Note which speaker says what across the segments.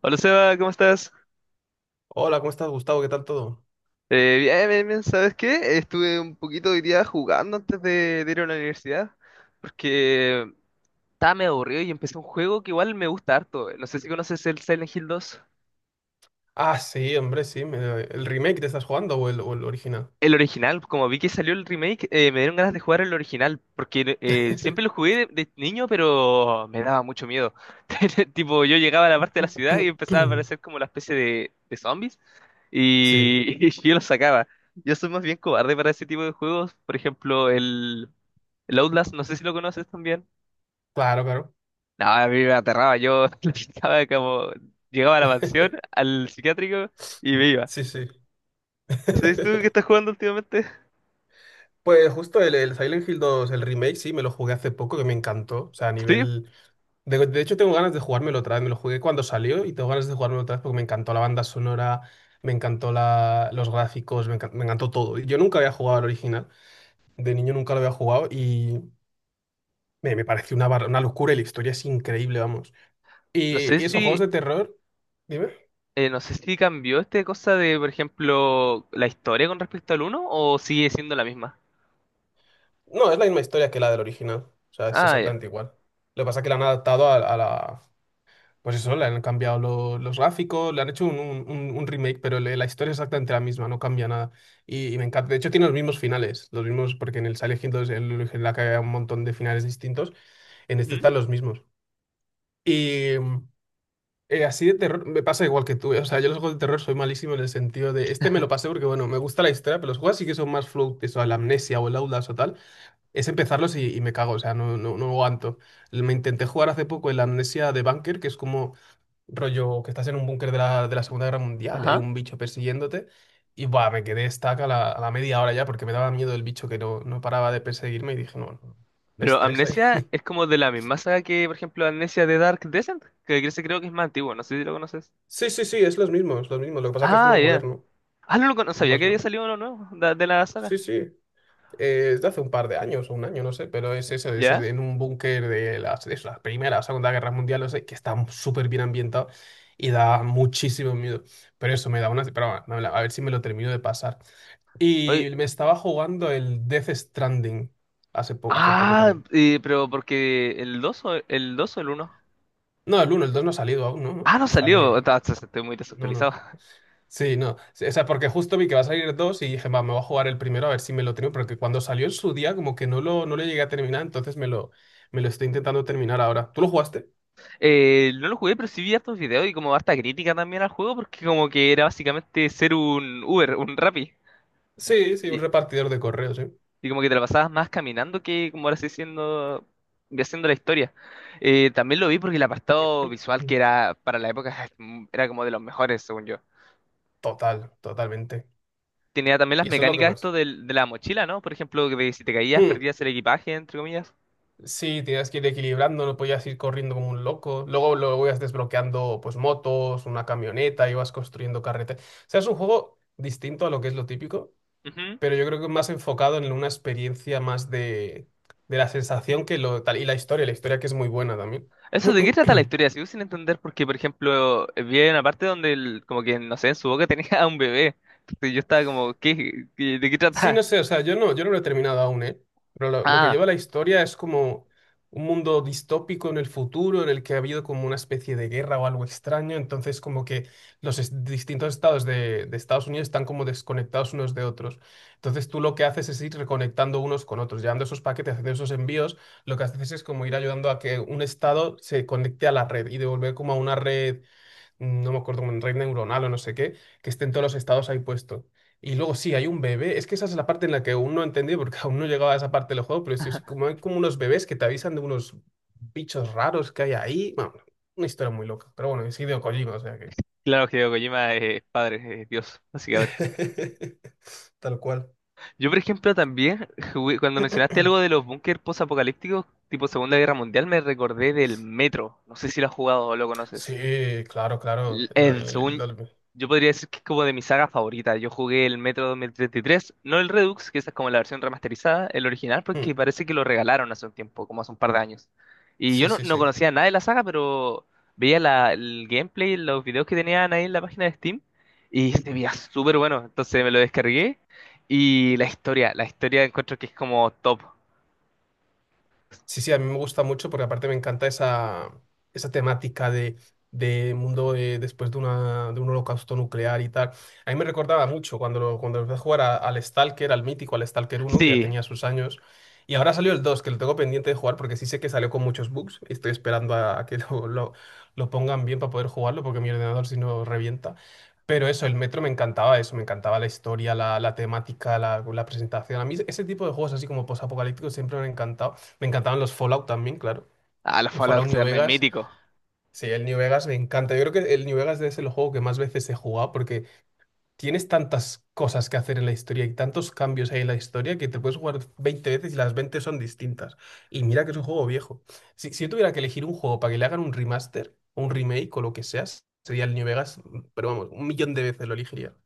Speaker 1: Hola Seba, ¿cómo estás?
Speaker 2: Hola, ¿cómo estás, Gustavo? ¿Qué tal todo?
Speaker 1: Bien, bien, bien, ¿sabes qué? Estuve un poquito hoy día jugando antes de ir a la universidad porque estaba medio aburrido y empecé un juego que igual me gusta harto. No sé si conoces el Silent Hill 2.
Speaker 2: Ah, sí, hombre, sí. ¿El remake te estás jugando o el original?
Speaker 1: El original, como vi que salió el remake, me dieron ganas de jugar el original porque siempre lo jugué de niño, pero me daba mucho miedo. Tipo, yo llegaba a la parte de la ciudad y empezaba a aparecer como la especie de zombies.
Speaker 2: Sí,
Speaker 1: Y y yo lo sacaba. Yo soy más bien cobarde para ese tipo de juegos. Por ejemplo, el Outlast, no sé si lo conoces también.
Speaker 2: claro, claro.
Speaker 1: No, a mí me aterraba. Yo estaba como... Llegaba a la mansión, al psiquiátrico y me iba.
Speaker 2: Sí, sí.
Speaker 1: ¿No sé si tú que estás jugando últimamente?
Speaker 2: Pues justo el Silent Hill 2, el remake, sí, me lo jugué hace poco, que me encantó. O sea, a
Speaker 1: Sí.
Speaker 2: nivel... De hecho, tengo ganas de jugármelo otra vez. Me lo jugué cuando salió y tengo ganas de jugármelo otra vez porque me encantó la banda sonora, me encantó la, los gráficos, me encantó todo. Yo nunca había jugado al original. De niño nunca lo había jugado y... Me parece una locura y la historia es increíble, vamos.
Speaker 1: No
Speaker 2: ¿Y,
Speaker 1: sé
Speaker 2: y esos
Speaker 1: si...
Speaker 2: juegos de terror? Dime.
Speaker 1: no sé si cambió esta cosa de, por ejemplo, la historia con respecto al uno o sigue siendo la misma.
Speaker 2: No, es la misma historia que la del original. O sea, es
Speaker 1: Ah, ya.
Speaker 2: exactamente igual. Lo que pasa es que la han adaptado a la... Pues eso, le han cambiado los gráficos, le han hecho un, un remake, pero la historia es exactamente la misma, no cambia nada. Y me encanta. De hecho, tiene los mismos finales, los mismos, porque en el Silent Hill 2, el original que había un montón de finales distintos, en este
Speaker 1: Ujú.
Speaker 2: están los mismos. y Así de terror, me pasa igual que tú. O sea, yo los juegos de terror soy malísimo en el sentido de. Este me lo pasé porque, bueno, me gusta la historia, pero los juegos sí que son más float, eso, la amnesia o el Outlast o tal. Es empezarlos y me cago, o sea, no, no, no aguanto. Me intenté jugar hace poco el Amnesia de Bunker, que es como rollo que estás en un búnker de la Segunda Guerra Mundial y hay
Speaker 1: Ajá.
Speaker 2: un bicho persiguiéndote. Y buah, me quedé estaca a la media hora ya porque me daba miedo el bicho que no, no paraba de perseguirme y dije, no, no, me
Speaker 1: Pero
Speaker 2: estresa.
Speaker 1: Amnesia es como de la misma saga que, por ejemplo, Amnesia de Dark Descent, que creo que es más antiguo, no sé si lo conoces.
Speaker 2: Sí, sí, sí, es los mismos, los mismos. Lo que pasa es que es
Speaker 1: Ah,
Speaker 2: uno
Speaker 1: ya.
Speaker 2: moderno,
Speaker 1: Ah, no, no
Speaker 2: no
Speaker 1: sabía
Speaker 2: más
Speaker 1: que había
Speaker 2: no.
Speaker 1: salido uno nuevo la
Speaker 2: Sí,
Speaker 1: saga.
Speaker 2: sí. Es de hace un par de años o un año, no sé, pero es eso, es
Speaker 1: ¿Ya?
Speaker 2: en un búnker de las, de la Primera o Segunda Guerra Mundial, no sé, que está súper bien ambientado y da muchísimo miedo. Pero eso me da una... Pero bueno, a ver si me lo termino de pasar.
Speaker 1: Oye,
Speaker 2: Y me estaba jugando el Death Stranding hace, hace poco también.
Speaker 1: pero porque el 2 o el uno.
Speaker 2: No, el uno el 2 no ha salido aún, ¿no? No,
Speaker 1: Ah, no salió.
Speaker 2: sale...
Speaker 1: Estoy muy
Speaker 2: No, no.
Speaker 1: desactualizado.
Speaker 2: Sí, no. Sí, o sea, porque justo vi que va a salir dos y dije, va, me voy a jugar el primero a ver si me lo termino, porque cuando salió en su día como que no lo, no lo llegué a terminar, entonces me lo estoy intentando terminar ahora. ¿Tú lo jugaste?
Speaker 1: No lo jugué, pero sí vi hartos videos y como harta crítica también al juego, porque como que era básicamente ser un Uber, un Rappi.
Speaker 2: Sí, sí, un repartidor de correos, ¿eh?
Speaker 1: Y como que te la pasabas más caminando que como ahora haciendo la historia. También lo vi porque el apartado visual
Speaker 2: Mm.
Speaker 1: que era para la época era como de los mejores, según yo.
Speaker 2: Total, totalmente.
Speaker 1: Tenía también las
Speaker 2: Y eso es lo que
Speaker 1: mecánicas
Speaker 2: más.
Speaker 1: esto la mochila, ¿no? Por ejemplo, que si te caías
Speaker 2: Hmm.
Speaker 1: perdías el equipaje, entre comillas.
Speaker 2: Sí, tienes que ir equilibrando, no podías ir corriendo como un loco. Luego luego ibas desbloqueando pues motos, una camioneta, ibas construyendo carreteras. O sea, es un juego distinto a lo que es lo típico,
Speaker 1: Ujú.
Speaker 2: pero yo creo que más enfocado en una experiencia más de la sensación que lo tal. Y la historia que es muy buena también.
Speaker 1: Eso, ¿de qué trata la historia? Sigo sin entender porque, por ejemplo, vi una parte donde como que, no sé, en su boca tenía a un bebé. Entonces yo estaba como, ¿de qué
Speaker 2: Sí, no
Speaker 1: trata?
Speaker 2: sé, o sea, yo no, yo no lo he terminado aún, ¿eh? Pero lo que
Speaker 1: Ah,
Speaker 2: lleva la historia es como un mundo distópico en el futuro en el que ha habido como una especie de guerra o algo extraño, entonces como que distintos estados de Estados Unidos están como desconectados unos de otros. Entonces tú lo que haces es ir reconectando unos con otros, llevando esos paquetes, haciendo esos envíos, lo que haces es como ir ayudando a que un estado se conecte a la red y devolver como a una red, no me acuerdo, como en red neuronal o no sé qué, que estén todos los estados ahí puestos. Y luego sí, hay un bebé. Es que esa es la parte en la que aún no entendí, porque aún no llegaba a esa parte del juego, pero sí, es como hay como unos bebés que te avisan de unos bichos raros que hay ahí. Bueno, una historia muy loca. Pero bueno, es Hideo Kojima, o sea que.
Speaker 1: claro, que Kojima es padre, es Dios, básicamente.
Speaker 2: Tal cual.
Speaker 1: Yo, por ejemplo, también, cuando mencionaste algo de los búnker posapocalípticos, tipo Segunda Guerra Mundial, me recordé del Metro. No sé si lo has jugado o lo
Speaker 2: Sí,
Speaker 1: conoces.
Speaker 2: claro, claro. El-
Speaker 1: Según
Speaker 2: el-
Speaker 1: yo podría decir que es como de mi saga favorita. Yo jugué el Metro 2033, no el Redux, que esa es como la versión remasterizada, el original, porque
Speaker 2: Mm,
Speaker 1: parece que lo regalaron hace un tiempo, como hace un par de años. Y yo
Speaker 2: sí,
Speaker 1: no,
Speaker 2: sí,
Speaker 1: no
Speaker 2: sí.
Speaker 1: conocía nada de la saga, pero veía el gameplay, los videos que tenían ahí en la página de Steam, y se veía súper bueno. Entonces me lo descargué. Y la historia encuentro que es como top.
Speaker 2: Sí, sí, a mí me gusta mucho porque aparte me encanta esa, esa temática de, después de, una, de un holocausto nuclear y tal. A mí me recordaba mucho cuando, cuando empecé a jugar al Stalker, al mítico, al Stalker uno que ya
Speaker 1: Sí,
Speaker 2: tenía sus años. Y ahora salió el 2 que lo tengo pendiente de jugar porque sí sé que salió con muchos bugs. Estoy esperando a que lo pongan bien para poder jugarlo porque mi ordenador si no revienta. Pero eso, el Metro me encantaba eso, me encantaba la historia, la temática, la presentación. A mí ese tipo de juegos así como posapocalípticos siempre me han encantado. Me encantaban los Fallout también, claro.
Speaker 1: a los
Speaker 2: El
Speaker 1: Fallout
Speaker 2: Fallout New
Speaker 1: se me
Speaker 2: Vegas.
Speaker 1: mítico.
Speaker 2: Sí, el New Vegas me encanta. Yo creo que el New Vegas es el juego que más veces he jugado porque tienes tantas cosas que hacer en la historia y tantos cambios hay en la historia que te puedes jugar 20 veces y las 20 son distintas. Y mira que es un juego viejo. Si, si yo tuviera que elegir un juego para que le hagan un remaster, un remake o lo que sea, sería el New Vegas, pero vamos, un millón de veces lo elegiría.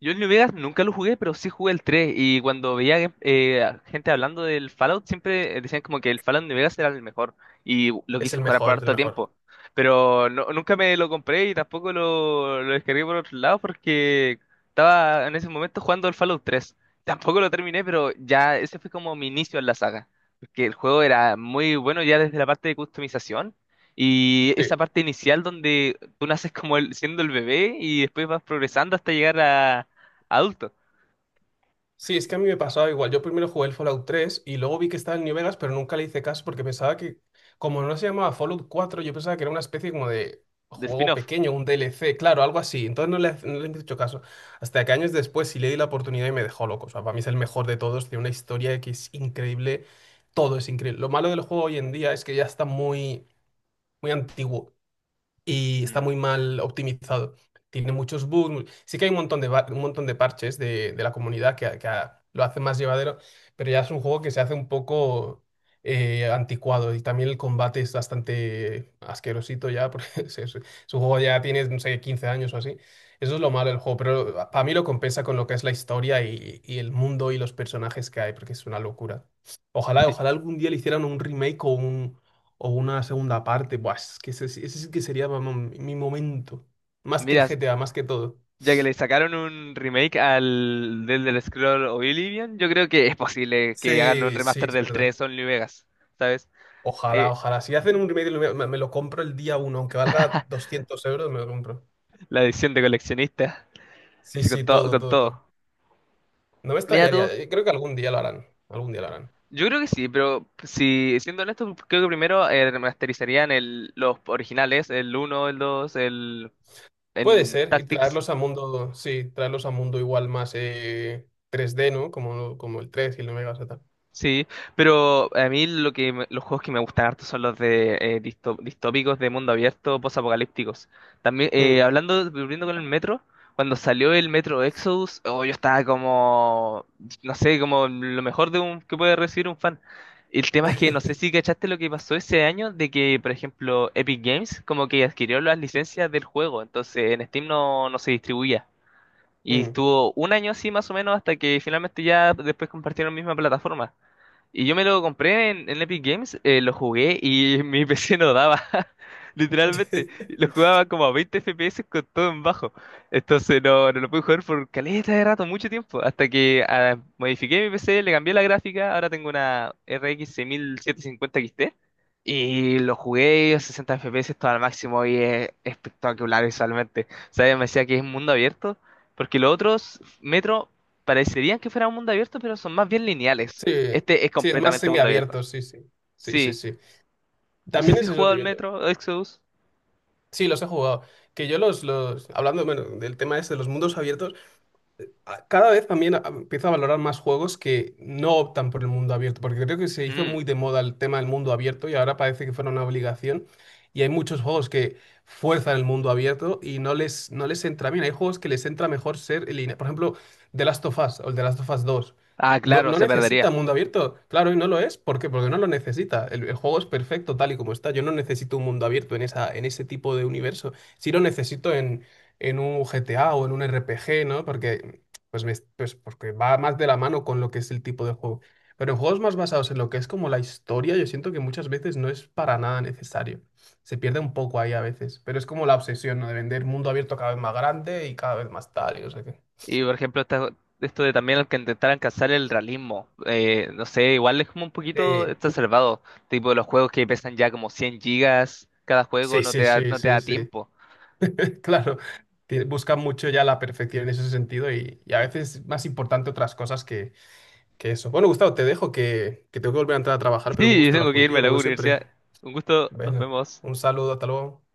Speaker 1: Yo el New Vegas nunca lo jugué, pero sí jugué el 3 y cuando veía a gente hablando del Fallout siempre decían como que el Fallout New Vegas era el mejor y lo
Speaker 2: Es
Speaker 1: quise
Speaker 2: el
Speaker 1: jugar por
Speaker 2: mejor, es el
Speaker 1: harto
Speaker 2: mejor.
Speaker 1: tiempo, pero nunca me lo compré y tampoco lo descargué por otro lado porque estaba en ese momento jugando el Fallout tres. Tampoco lo terminé, pero ya ese fue como mi inicio en la saga, porque el juego era muy bueno ya desde la parte de customización. Y
Speaker 2: Sí.
Speaker 1: esa parte inicial donde tú naces como siendo el bebé y después vas progresando hasta llegar a adulto,
Speaker 2: Sí, es que a mí me pasaba igual. Yo primero jugué el Fallout 3 y luego vi que estaba el New Vegas, pero nunca le hice caso porque pensaba que, como no se llamaba Fallout 4, yo pensaba que era una especie como de
Speaker 1: de
Speaker 2: juego
Speaker 1: spin-off.
Speaker 2: pequeño, un DLC, claro, algo así. Entonces no le, no le he hecho caso. Hasta que años después sí le di la oportunidad y me dejó loco. O sea, para mí es el mejor de todos, tiene una historia que es increíble, todo es increíble. Lo malo del juego hoy en día es que ya está muy, muy antiguo y está
Speaker 1: Mm,
Speaker 2: muy mal optimizado. Tiene muchos bugs. Sí que hay un montón de, un montón de parches de la comunidad que, lo hace más llevadero, pero ya es un juego que se hace un poco anticuado y también el combate es bastante asquerosito ya, porque su juego ya tiene, no sé, 15 años o así. Eso es lo malo del juego, pero para mí lo compensa con lo que es la historia y el mundo y los personajes que hay, porque es una locura. Ojalá,
Speaker 1: sí.
Speaker 2: ojalá algún día le hicieran un remake o una segunda parte. Buah, es que ese sí que sería vamos, mi momento. Más que el
Speaker 1: Mira,
Speaker 2: GTA, más que todo.
Speaker 1: ya que le sacaron un remake al del Scroll Oblivion, yo creo que es posible que hagan un
Speaker 2: Sí, sí,
Speaker 1: remaster
Speaker 2: es
Speaker 1: del
Speaker 2: verdad.
Speaker 1: 3, Only Vegas, ¿sabes?
Speaker 2: Ojalá,
Speaker 1: Eh,
Speaker 2: ojalá. Si hacen un remake, me, me lo compro el día uno, aunque valga 200 euros, me lo compro.
Speaker 1: la edición de coleccionista,
Speaker 2: Sí,
Speaker 1: sí, con
Speaker 2: sí,
Speaker 1: todo,
Speaker 2: todo,
Speaker 1: con
Speaker 2: todo, todo.
Speaker 1: todo.
Speaker 2: No me
Speaker 1: Mira tú,
Speaker 2: extrañaría. Creo que algún día lo harán. Algún día lo harán.
Speaker 1: yo creo que sí, pero si siendo honesto, creo que primero remasterizarían los originales, el uno, el 2, el
Speaker 2: Puede
Speaker 1: en
Speaker 2: ser. Y
Speaker 1: Tactics.
Speaker 2: traerlos a mundo, sí, traerlos a mundo igual más 3D, ¿no? Como, como el 3 y el 9 Megas y tal.
Speaker 1: Sí, pero a mí lo que los juegos que me gustan harto son los de distópicos de mundo abierto, posapocalípticos. También
Speaker 2: Mm.
Speaker 1: hablando, volviendo con el Metro, cuando salió el Metro Exodus, oh, yo estaba como, no sé, como lo mejor de un que puede recibir un fan. El tema es que no sé si cachaste lo que pasó ese año de que, por ejemplo, Epic Games como que adquirió las licencias del juego, entonces en Steam no, no se distribuía. Y
Speaker 2: Mm.
Speaker 1: estuvo un año así más o menos hasta que finalmente ya después compartieron misma plataforma. Y yo me lo compré en Epic Games, lo jugué y mi PC no daba. Literalmente, lo jugaba como a 20 FPS con todo en bajo. Entonces no, no lo pude jugar por caleta de rato, mucho tiempo. Hasta que modifiqué mi PC, le cambié la gráfica. Ahora tengo una RX 6750 XT. Y lo jugué a 60 FPS todo al máximo y es espectacular visualmente. ¿Sabes? Me decía que es un mundo abierto. Porque los otros Metro parecerían que fuera un mundo abierto, pero son más bien lineales.
Speaker 2: Sí,
Speaker 1: Este es
Speaker 2: sí, es más
Speaker 1: completamente mundo abierto.
Speaker 2: semiabierto, sí, sí. Sí, sí,
Speaker 1: Sí.
Speaker 2: sí.
Speaker 1: No sé
Speaker 2: También
Speaker 1: si he
Speaker 2: es eso.
Speaker 1: jugado al Metro Exodus.
Speaker 2: Sí, los he jugado. Que yo los, hablando, bueno, del tema ese de los mundos abiertos, cada vez también empiezo a valorar más juegos que no optan por el mundo abierto, porque creo que se hizo
Speaker 1: Mm.
Speaker 2: muy de moda el tema del mundo abierto y ahora parece que fuera una obligación. Y hay muchos juegos que fuerzan el mundo abierto y no les, no les entra bien. Hay juegos que les entra mejor ser en línea. Por ejemplo, The Last of Us o el The Last of Us dos.
Speaker 1: Ah,
Speaker 2: No,
Speaker 1: claro,
Speaker 2: no
Speaker 1: se
Speaker 2: necesita
Speaker 1: perdería.
Speaker 2: mundo abierto. Claro, y no lo es. ¿Por qué? Porque no lo necesita. El juego es perfecto tal y como está. Yo no necesito un mundo abierto en esa, en ese tipo de universo. Sí lo necesito en un GTA o en un RPG, ¿no? Porque pues porque va más de la mano con lo que es el tipo de juego. Pero en juegos más basados en lo que es como la historia, yo siento que muchas veces no es para nada necesario. Se pierde un poco ahí a veces, pero es como la obsesión, ¿no? De vender mundo abierto cada vez más grande y cada vez más tal, y no sé qué.
Speaker 1: Y por ejemplo, esto de también el que intentar alcanzar el realismo. No sé, igual es como un poquito exacerbado. Tipo los juegos que pesan ya como 100 gigas. Cada juego
Speaker 2: Sí,
Speaker 1: no te
Speaker 2: sí,
Speaker 1: da,
Speaker 2: sí,
Speaker 1: no te
Speaker 2: sí,
Speaker 1: da
Speaker 2: sí. sí.
Speaker 1: tiempo.
Speaker 2: Claro, buscan mucho ya la perfección en ese sentido y a veces es más importante otras cosas que eso. Bueno, Gustavo, te dejo que tengo que volver a entrar a trabajar, pero un
Speaker 1: Sí, yo
Speaker 2: gusto
Speaker 1: tengo
Speaker 2: hablar
Speaker 1: que irme
Speaker 2: contigo,
Speaker 1: a la
Speaker 2: como siempre.
Speaker 1: universidad. Un gusto, nos
Speaker 2: Bueno,
Speaker 1: vemos.
Speaker 2: un saludo, hasta luego.